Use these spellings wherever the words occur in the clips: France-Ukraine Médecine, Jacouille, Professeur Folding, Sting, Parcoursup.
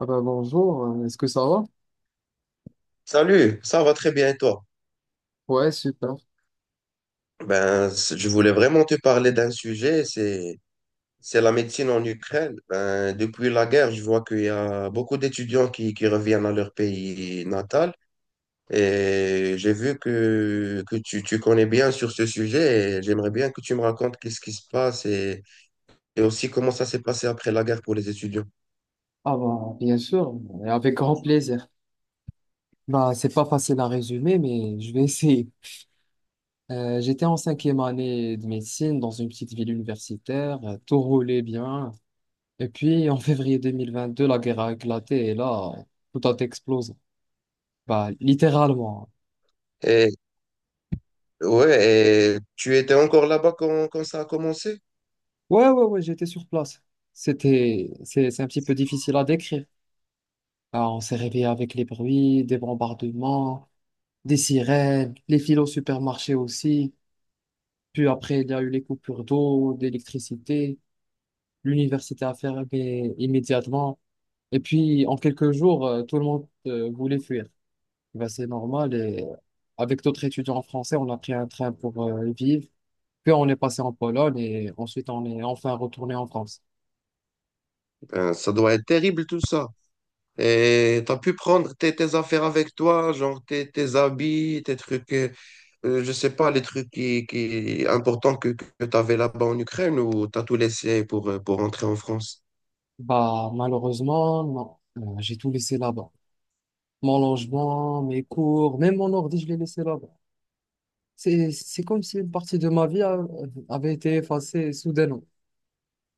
Ah bah bonjour, est-ce que ça va? Salut, ça va très bien et toi? Ouais, super. Ben, je voulais vraiment te parler d'un sujet, c'est la médecine en Ukraine. Ben, depuis la guerre, je vois qu'il y a beaucoup d'étudiants qui reviennent à leur pays natal, et j'ai vu que tu connais bien sur ce sujet et j'aimerais bien que tu me racontes qu'est-ce qui se passe, et aussi comment ça s'est passé après la guerre pour les étudiants. Ah bah bien sûr, et avec grand plaisir. Bah c'est pas facile à résumer, mais je vais essayer. J'étais en cinquième année de médecine dans une petite ville universitaire, tout roulait bien. Et puis en février 2022, la guerre a éclaté et là, tout a explosé. Bah littéralement. Et ouais, et tu étais encore là-bas quand ça a commencé? Ouais, ouais, ouais, j'étais sur place. C'est un petit peu difficile à décrire. Ah, on s'est réveillé avec les bruits, des bombardements, des sirènes, les files au supermarché aussi. Puis après, il y a eu les coupures d'eau, d'électricité. L'université a fermé immédiatement. Et puis, en quelques jours, tout le monde voulait fuir. Ben, c'est normal. Et avec d'autres étudiants français, on a pris un train pour vivre. Puis on est passé en Pologne et ensuite on est enfin retourné en France. Ben, ça doit être terrible tout ça. Et tu pu prendre tes affaires avec toi, genre tes habits, tes trucs, je sais pas, les trucs qui importants que t'avais là-bas en Ukraine, ou t'as tout laissé pour rentrer en France? Bah, malheureusement, non. J'ai tout laissé là-bas. Mon logement, mes cours, même mon ordi, je l'ai laissé là-bas. C'est comme si une partie de ma vie avait été effacée soudainement.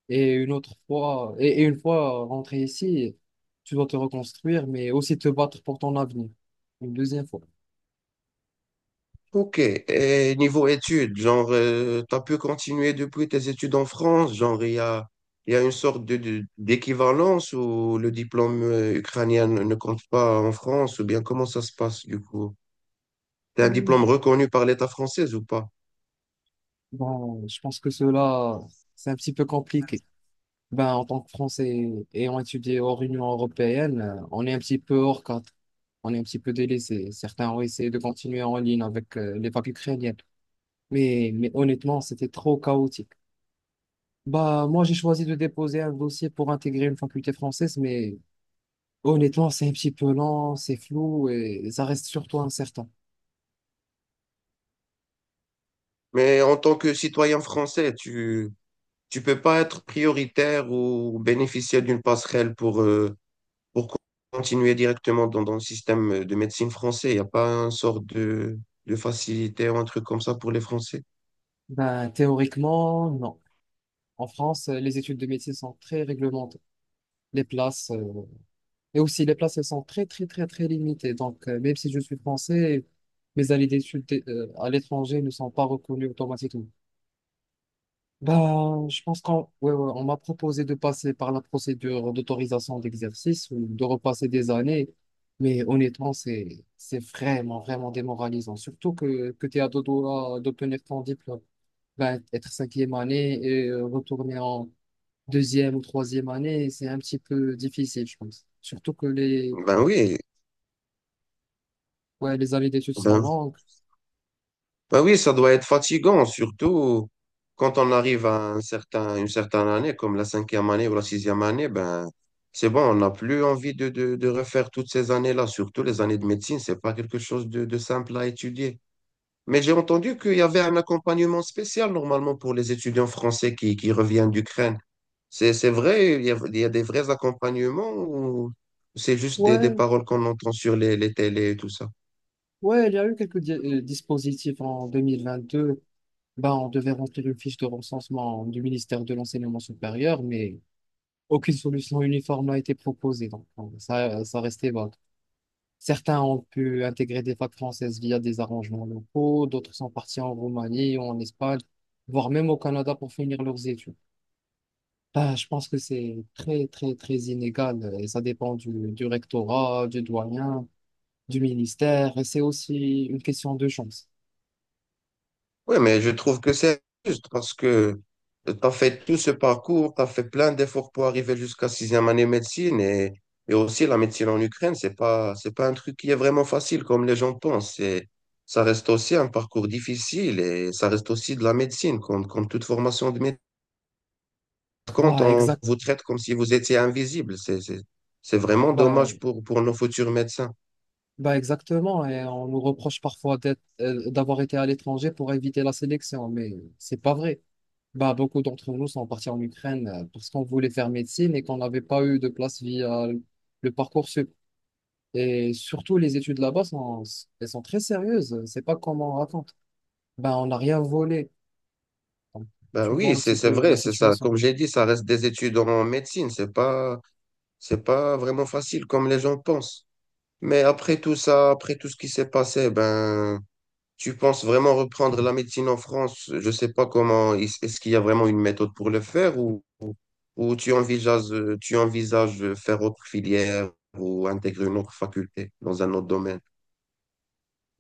Et une fois rentré ici, tu dois te reconstruire, mais aussi te battre pour ton avenir. Une deuxième fois. Ok, et niveau études, genre, t'as pu continuer depuis tes études en France, genre, il y a une sorte d'équivalence où le diplôme ukrainien ne compte pas en France, ou bien comment ça se passe du coup? T'as un diplôme Hmm. reconnu par l'État français ou pas? Bon, je pense que cela, c'est un petit peu compliqué. Ben, en tant que Français ayant étudié hors Union européenne, on est un petit peu hors cadre. On est un petit peu délaissé. Certains ont essayé de continuer en ligne avec les papes ukrainiennes. Mais honnêtement, c'était trop chaotique. Bah, moi, j'ai choisi de déposer un dossier pour intégrer une faculté française, mais honnêtement, c'est un petit peu lent, c'est flou et ça reste surtout incertain. Mais en tant que citoyen français, tu peux pas être prioritaire ou bénéficier d'une passerelle pour continuer directement dans, dans le système de médecine français. Il n'y a pas un sort de facilité ou un truc comme ça pour les Français. Ben, théoriquement, non. En France, les études de médecine sont très réglementées. Les places, euh, les places, elles sont très, très, très, très limitées. Donc, même si je suis français, mes années d'études à l'étranger ne sont pas reconnues automatiquement. Ben, je pense qu'on ouais, ouais, on m'a proposé de passer par la procédure d'autorisation d'exercice ou de repasser des années, mais honnêtement, c'est vraiment, vraiment démoralisant. Surtout que tu es à deux doigts d'obtenir ton diplôme. Ben, être cinquième année et retourner en deuxième ou troisième année, c'est un petit peu difficile, je pense. Ben oui, Ouais, les années d'études sont ben, longues. ben oui, ça doit être fatigant, surtout quand on arrive à un certain, une certaine année, comme la cinquième année ou la sixième année, ben c'est bon, on n'a plus envie de refaire toutes ces années-là, surtout les années de médecine, c'est pas quelque chose de simple à étudier. Mais j'ai entendu qu'il y avait un accompagnement spécial normalement pour les étudiants français qui reviennent d'Ukraine. C'est vrai, il y a des vrais accompagnements, ou c'est juste des Ouais, paroles qu'on entend sur les télés et tout ça? ouais, il y a eu quelques dispositifs en 2022. Ben, on devait remplir une fiche de recensement du ministère de l'Enseignement supérieur, mais aucune solution uniforme n'a été proposée. Donc, ça, ça restait vague. Certains ont pu intégrer des facs françaises via des arrangements locaux, d'autres sont partis en Roumanie ou en Espagne, voire même au Canada pour finir leurs études. Ben, je pense que c'est très, très, très inégal et ça dépend du rectorat, du doyen, du ministère et c'est aussi une question de chance. Oui, mais je trouve que c'est juste parce que tu as fait tout ce parcours, tu as fait plein d'efforts pour arriver jusqu'à sixième année médecine, et aussi la médecine en Ukraine, c'est pas un truc qui est vraiment facile comme les gens pensent. C'est, ça reste aussi un parcours difficile et ça reste aussi de la médecine, comme toute formation de médecine. Quand Bah, on exact. vous traite comme si vous étiez invisible, c'est vraiment bah, dommage pour nos futurs médecins. Bah exactement, et on nous reproche parfois d'avoir été à l'étranger pour éviter la sélection, mais c'est pas vrai. Bah beaucoup d'entre nous sont partis en Ukraine parce qu'on voulait faire médecine et qu'on n'avait pas eu de place via le Parcoursup. Et surtout, les études là-bas sont, elles sont très sérieuses. C'est pas comme on raconte. Bah on n'a rien volé. Donc, Ben tu vois oui, un petit c'est peu la vrai, c'est ça. situation. Comme j'ai dit, ça reste des études en médecine, c'est pas, c'est pas vraiment facile comme les gens pensent. Mais après tout ça, après tout ce qui s'est passé, ben, tu penses vraiment reprendre la médecine en France? Je sais pas comment, est-ce qu'il y a vraiment une méthode pour le faire, ou tu envisages de faire autre filière, ou intégrer une autre faculté dans un autre domaine?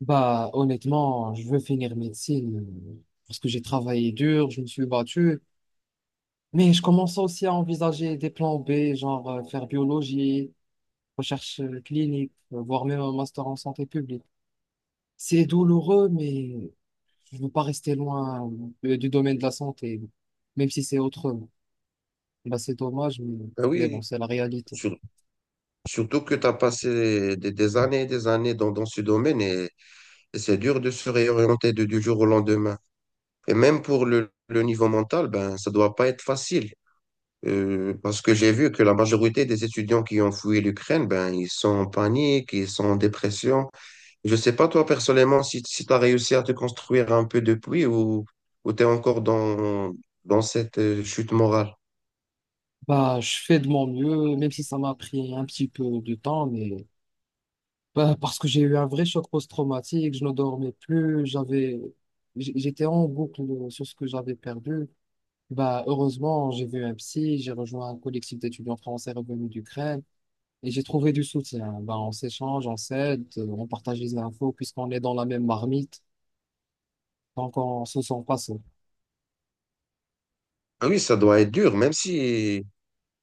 Bah honnêtement, je veux finir médecine parce que j'ai travaillé dur, je me suis battu. Mais je commence aussi à envisager des plans B, genre faire biologie, recherche clinique, voire même un master en santé publique. C'est douloureux, mais je veux pas rester loin du domaine de la santé, même si c'est autrement. Bah, c'est dommage, Ben mais bon, oui, c'est la réalité. sur- surtout que tu as passé des années et des années dans, dans ce domaine, et c'est dur de se réorienter du jour au lendemain. Et même pour le niveau mental, ben, ça doit pas être facile. Parce que j'ai vu que la majorité des étudiants qui ont fui l'Ukraine, ben, ils sont en panique, ils sont en dépression. Je sais pas, toi, personnellement, si tu as réussi à te construire un peu depuis, ou tu es encore dans, dans cette chute morale. Bah, je fais de mon mieux, même si ça m'a pris un petit peu de temps, mais bah, parce que j'ai eu un vrai choc post-traumatique, je ne dormais plus, j'étais en boucle sur ce que j'avais perdu. Bah, heureusement, j'ai vu un psy, j'ai rejoint un collectif d'étudiants français revenus d'Ukraine et j'ai trouvé du soutien. Bah, on s'échange, on s'aide, on partage les infos puisqu'on est dans la même marmite, donc on se sent pas seul. Ah oui, ça doit être dur, même si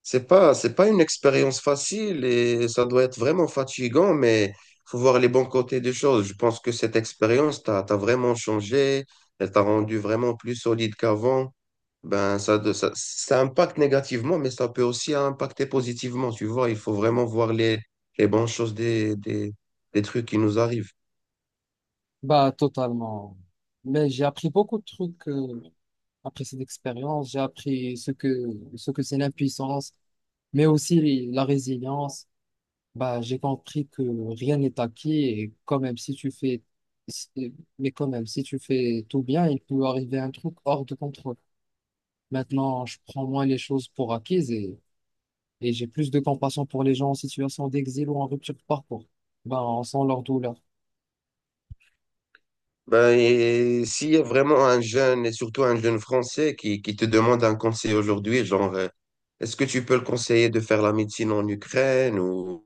c'est pas, c'est pas une expérience facile et ça doit être vraiment fatigant, mais faut voir les bons côtés des choses. Je pense que cette expérience t'a vraiment changé, elle t'a rendu vraiment plus solide qu'avant. Ben, ça, ça impacte négativement, mais ça peut aussi impacter positivement. Tu vois, il faut vraiment voir les bonnes choses des trucs qui nous arrivent. Bah, totalement. Mais j'ai appris beaucoup de trucs après cette expérience. J'ai appris ce que c'est l'impuissance, mais aussi la résilience. Bah, j'ai compris que rien n'est acquis et quand même si tu fais tout bien, il peut arriver un truc hors de contrôle. Maintenant, je prends moins les choses pour acquises et j'ai plus de compassion pour les gens en situation d'exil ou en rupture de parcours. Bah, on sent leur douleur. Ben, et s'il y a vraiment un jeune, et surtout un jeune français, qui te demande un conseil aujourd'hui, genre, est-ce que tu peux le conseiller de faire la médecine en Ukraine,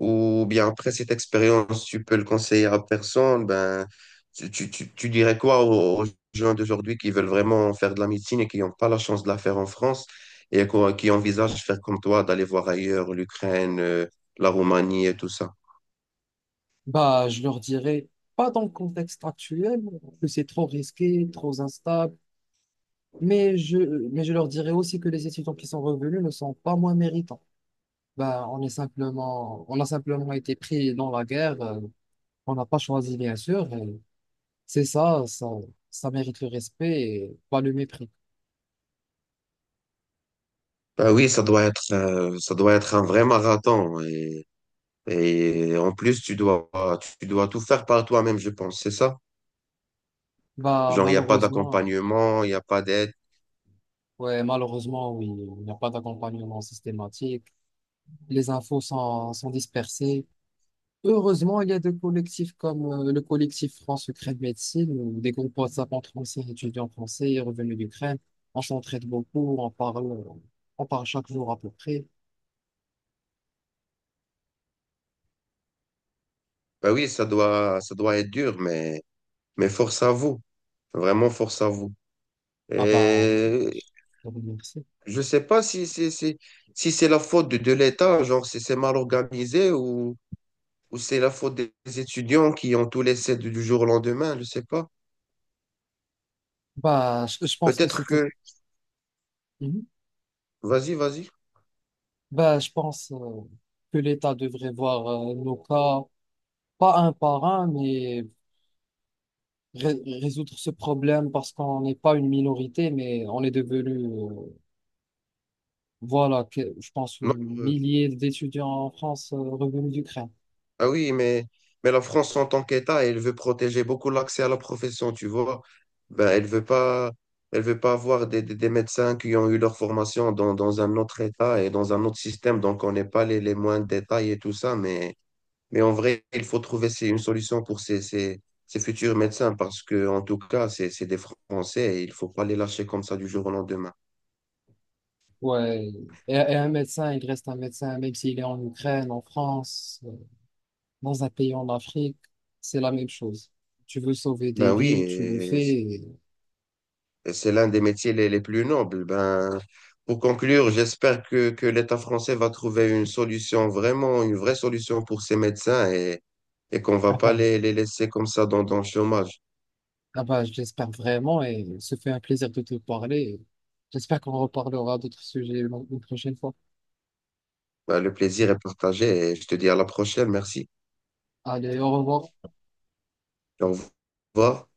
ou bien après cette expérience, tu peux le conseiller à personne, ben, tu dirais quoi aux gens d'aujourd'hui qui veulent vraiment faire de la médecine et qui n'ont pas la chance de la faire en France, et qui envisagent faire comme toi, d'aller voir ailleurs l'Ukraine, la Roumanie et tout ça? Bah, je leur dirais pas dans le contexte actuel que c'est trop risqué, trop instable, mais je mais je leur dirais aussi que les étudiants qui sont revenus ne sont pas moins méritants. On a simplement été pris dans la guerre, on n'a pas choisi, bien sûr. C'est ça mérite le respect et pas le mépris. Ben oui, ça doit être un vrai marathon. Et en plus, tu dois tout faire par toi-même, je pense, c'est ça? Bah, Genre, il n'y a pas malheureusement, d'accompagnement, il n'y a pas d'aide. ouais, malheureusement, oui, il n'y a pas d'accompagnement systématique. Sont dispersées. Heureusement, il y a des collectifs comme le collectif France-Ukraine Médecine, où des groupes WhatsApp entre anciens étudiants français et revenus d'Ukraine. On s'entraide beaucoup, on parle chaque jour à peu près. Ben oui, ça doit être dur, mais force à vous. Vraiment, force à vous. Ah bah, je Et vous remercie. je sais pas si c'est la faute de l'État, genre, si c'est mal organisé, ou c'est la faute des étudiants qui ont tout laissé du jour au lendemain, je sais pas. Je pense que Peut-être c'était. que... Mhm. Vas-y, vas-y. Bah, je pense que l'État devrait voir nos cas, pas un par un, mais résoudre ce problème parce qu'on n'est pas une minorité, mais on est devenu, voilà, je pense, un Non, millier d'étudiants en France revenus d'Ukraine. ah oui, mais la France en tant qu'État, elle veut protéger beaucoup l'accès à la profession, tu vois. Ben, elle veut pas avoir des médecins qui ont eu leur formation dans, dans un autre État et dans un autre système, donc on n'est pas les, les moindres détails et tout ça, mais en vrai, il faut trouver c'est une solution pour ces futurs médecins parce que, en tout cas, c'est des Français et il faut pas les lâcher comme ça du jour au lendemain. Ouais. Et un médecin, il reste un médecin, même s'il est en Ukraine, en France, dans un pays en Afrique, c'est la même chose. Tu veux sauver Ben des vies, tu le oui, fais. et c'est l'un des métiers les plus nobles. Ben, pour conclure, j'espère que l'État français va trouver une solution, vraiment une vraie solution pour ces médecins, et qu'on va Ah pas bah, les, les laisser comme ça dans, dans le chômage. ah bah, j'espère vraiment et ce fait un plaisir de te parler. J'espère qu'on reparlera d'autres sujets une prochaine fois. Ben, le plaisir est partagé et je te dis à la prochaine. Merci. Allez, au revoir. Au revoir.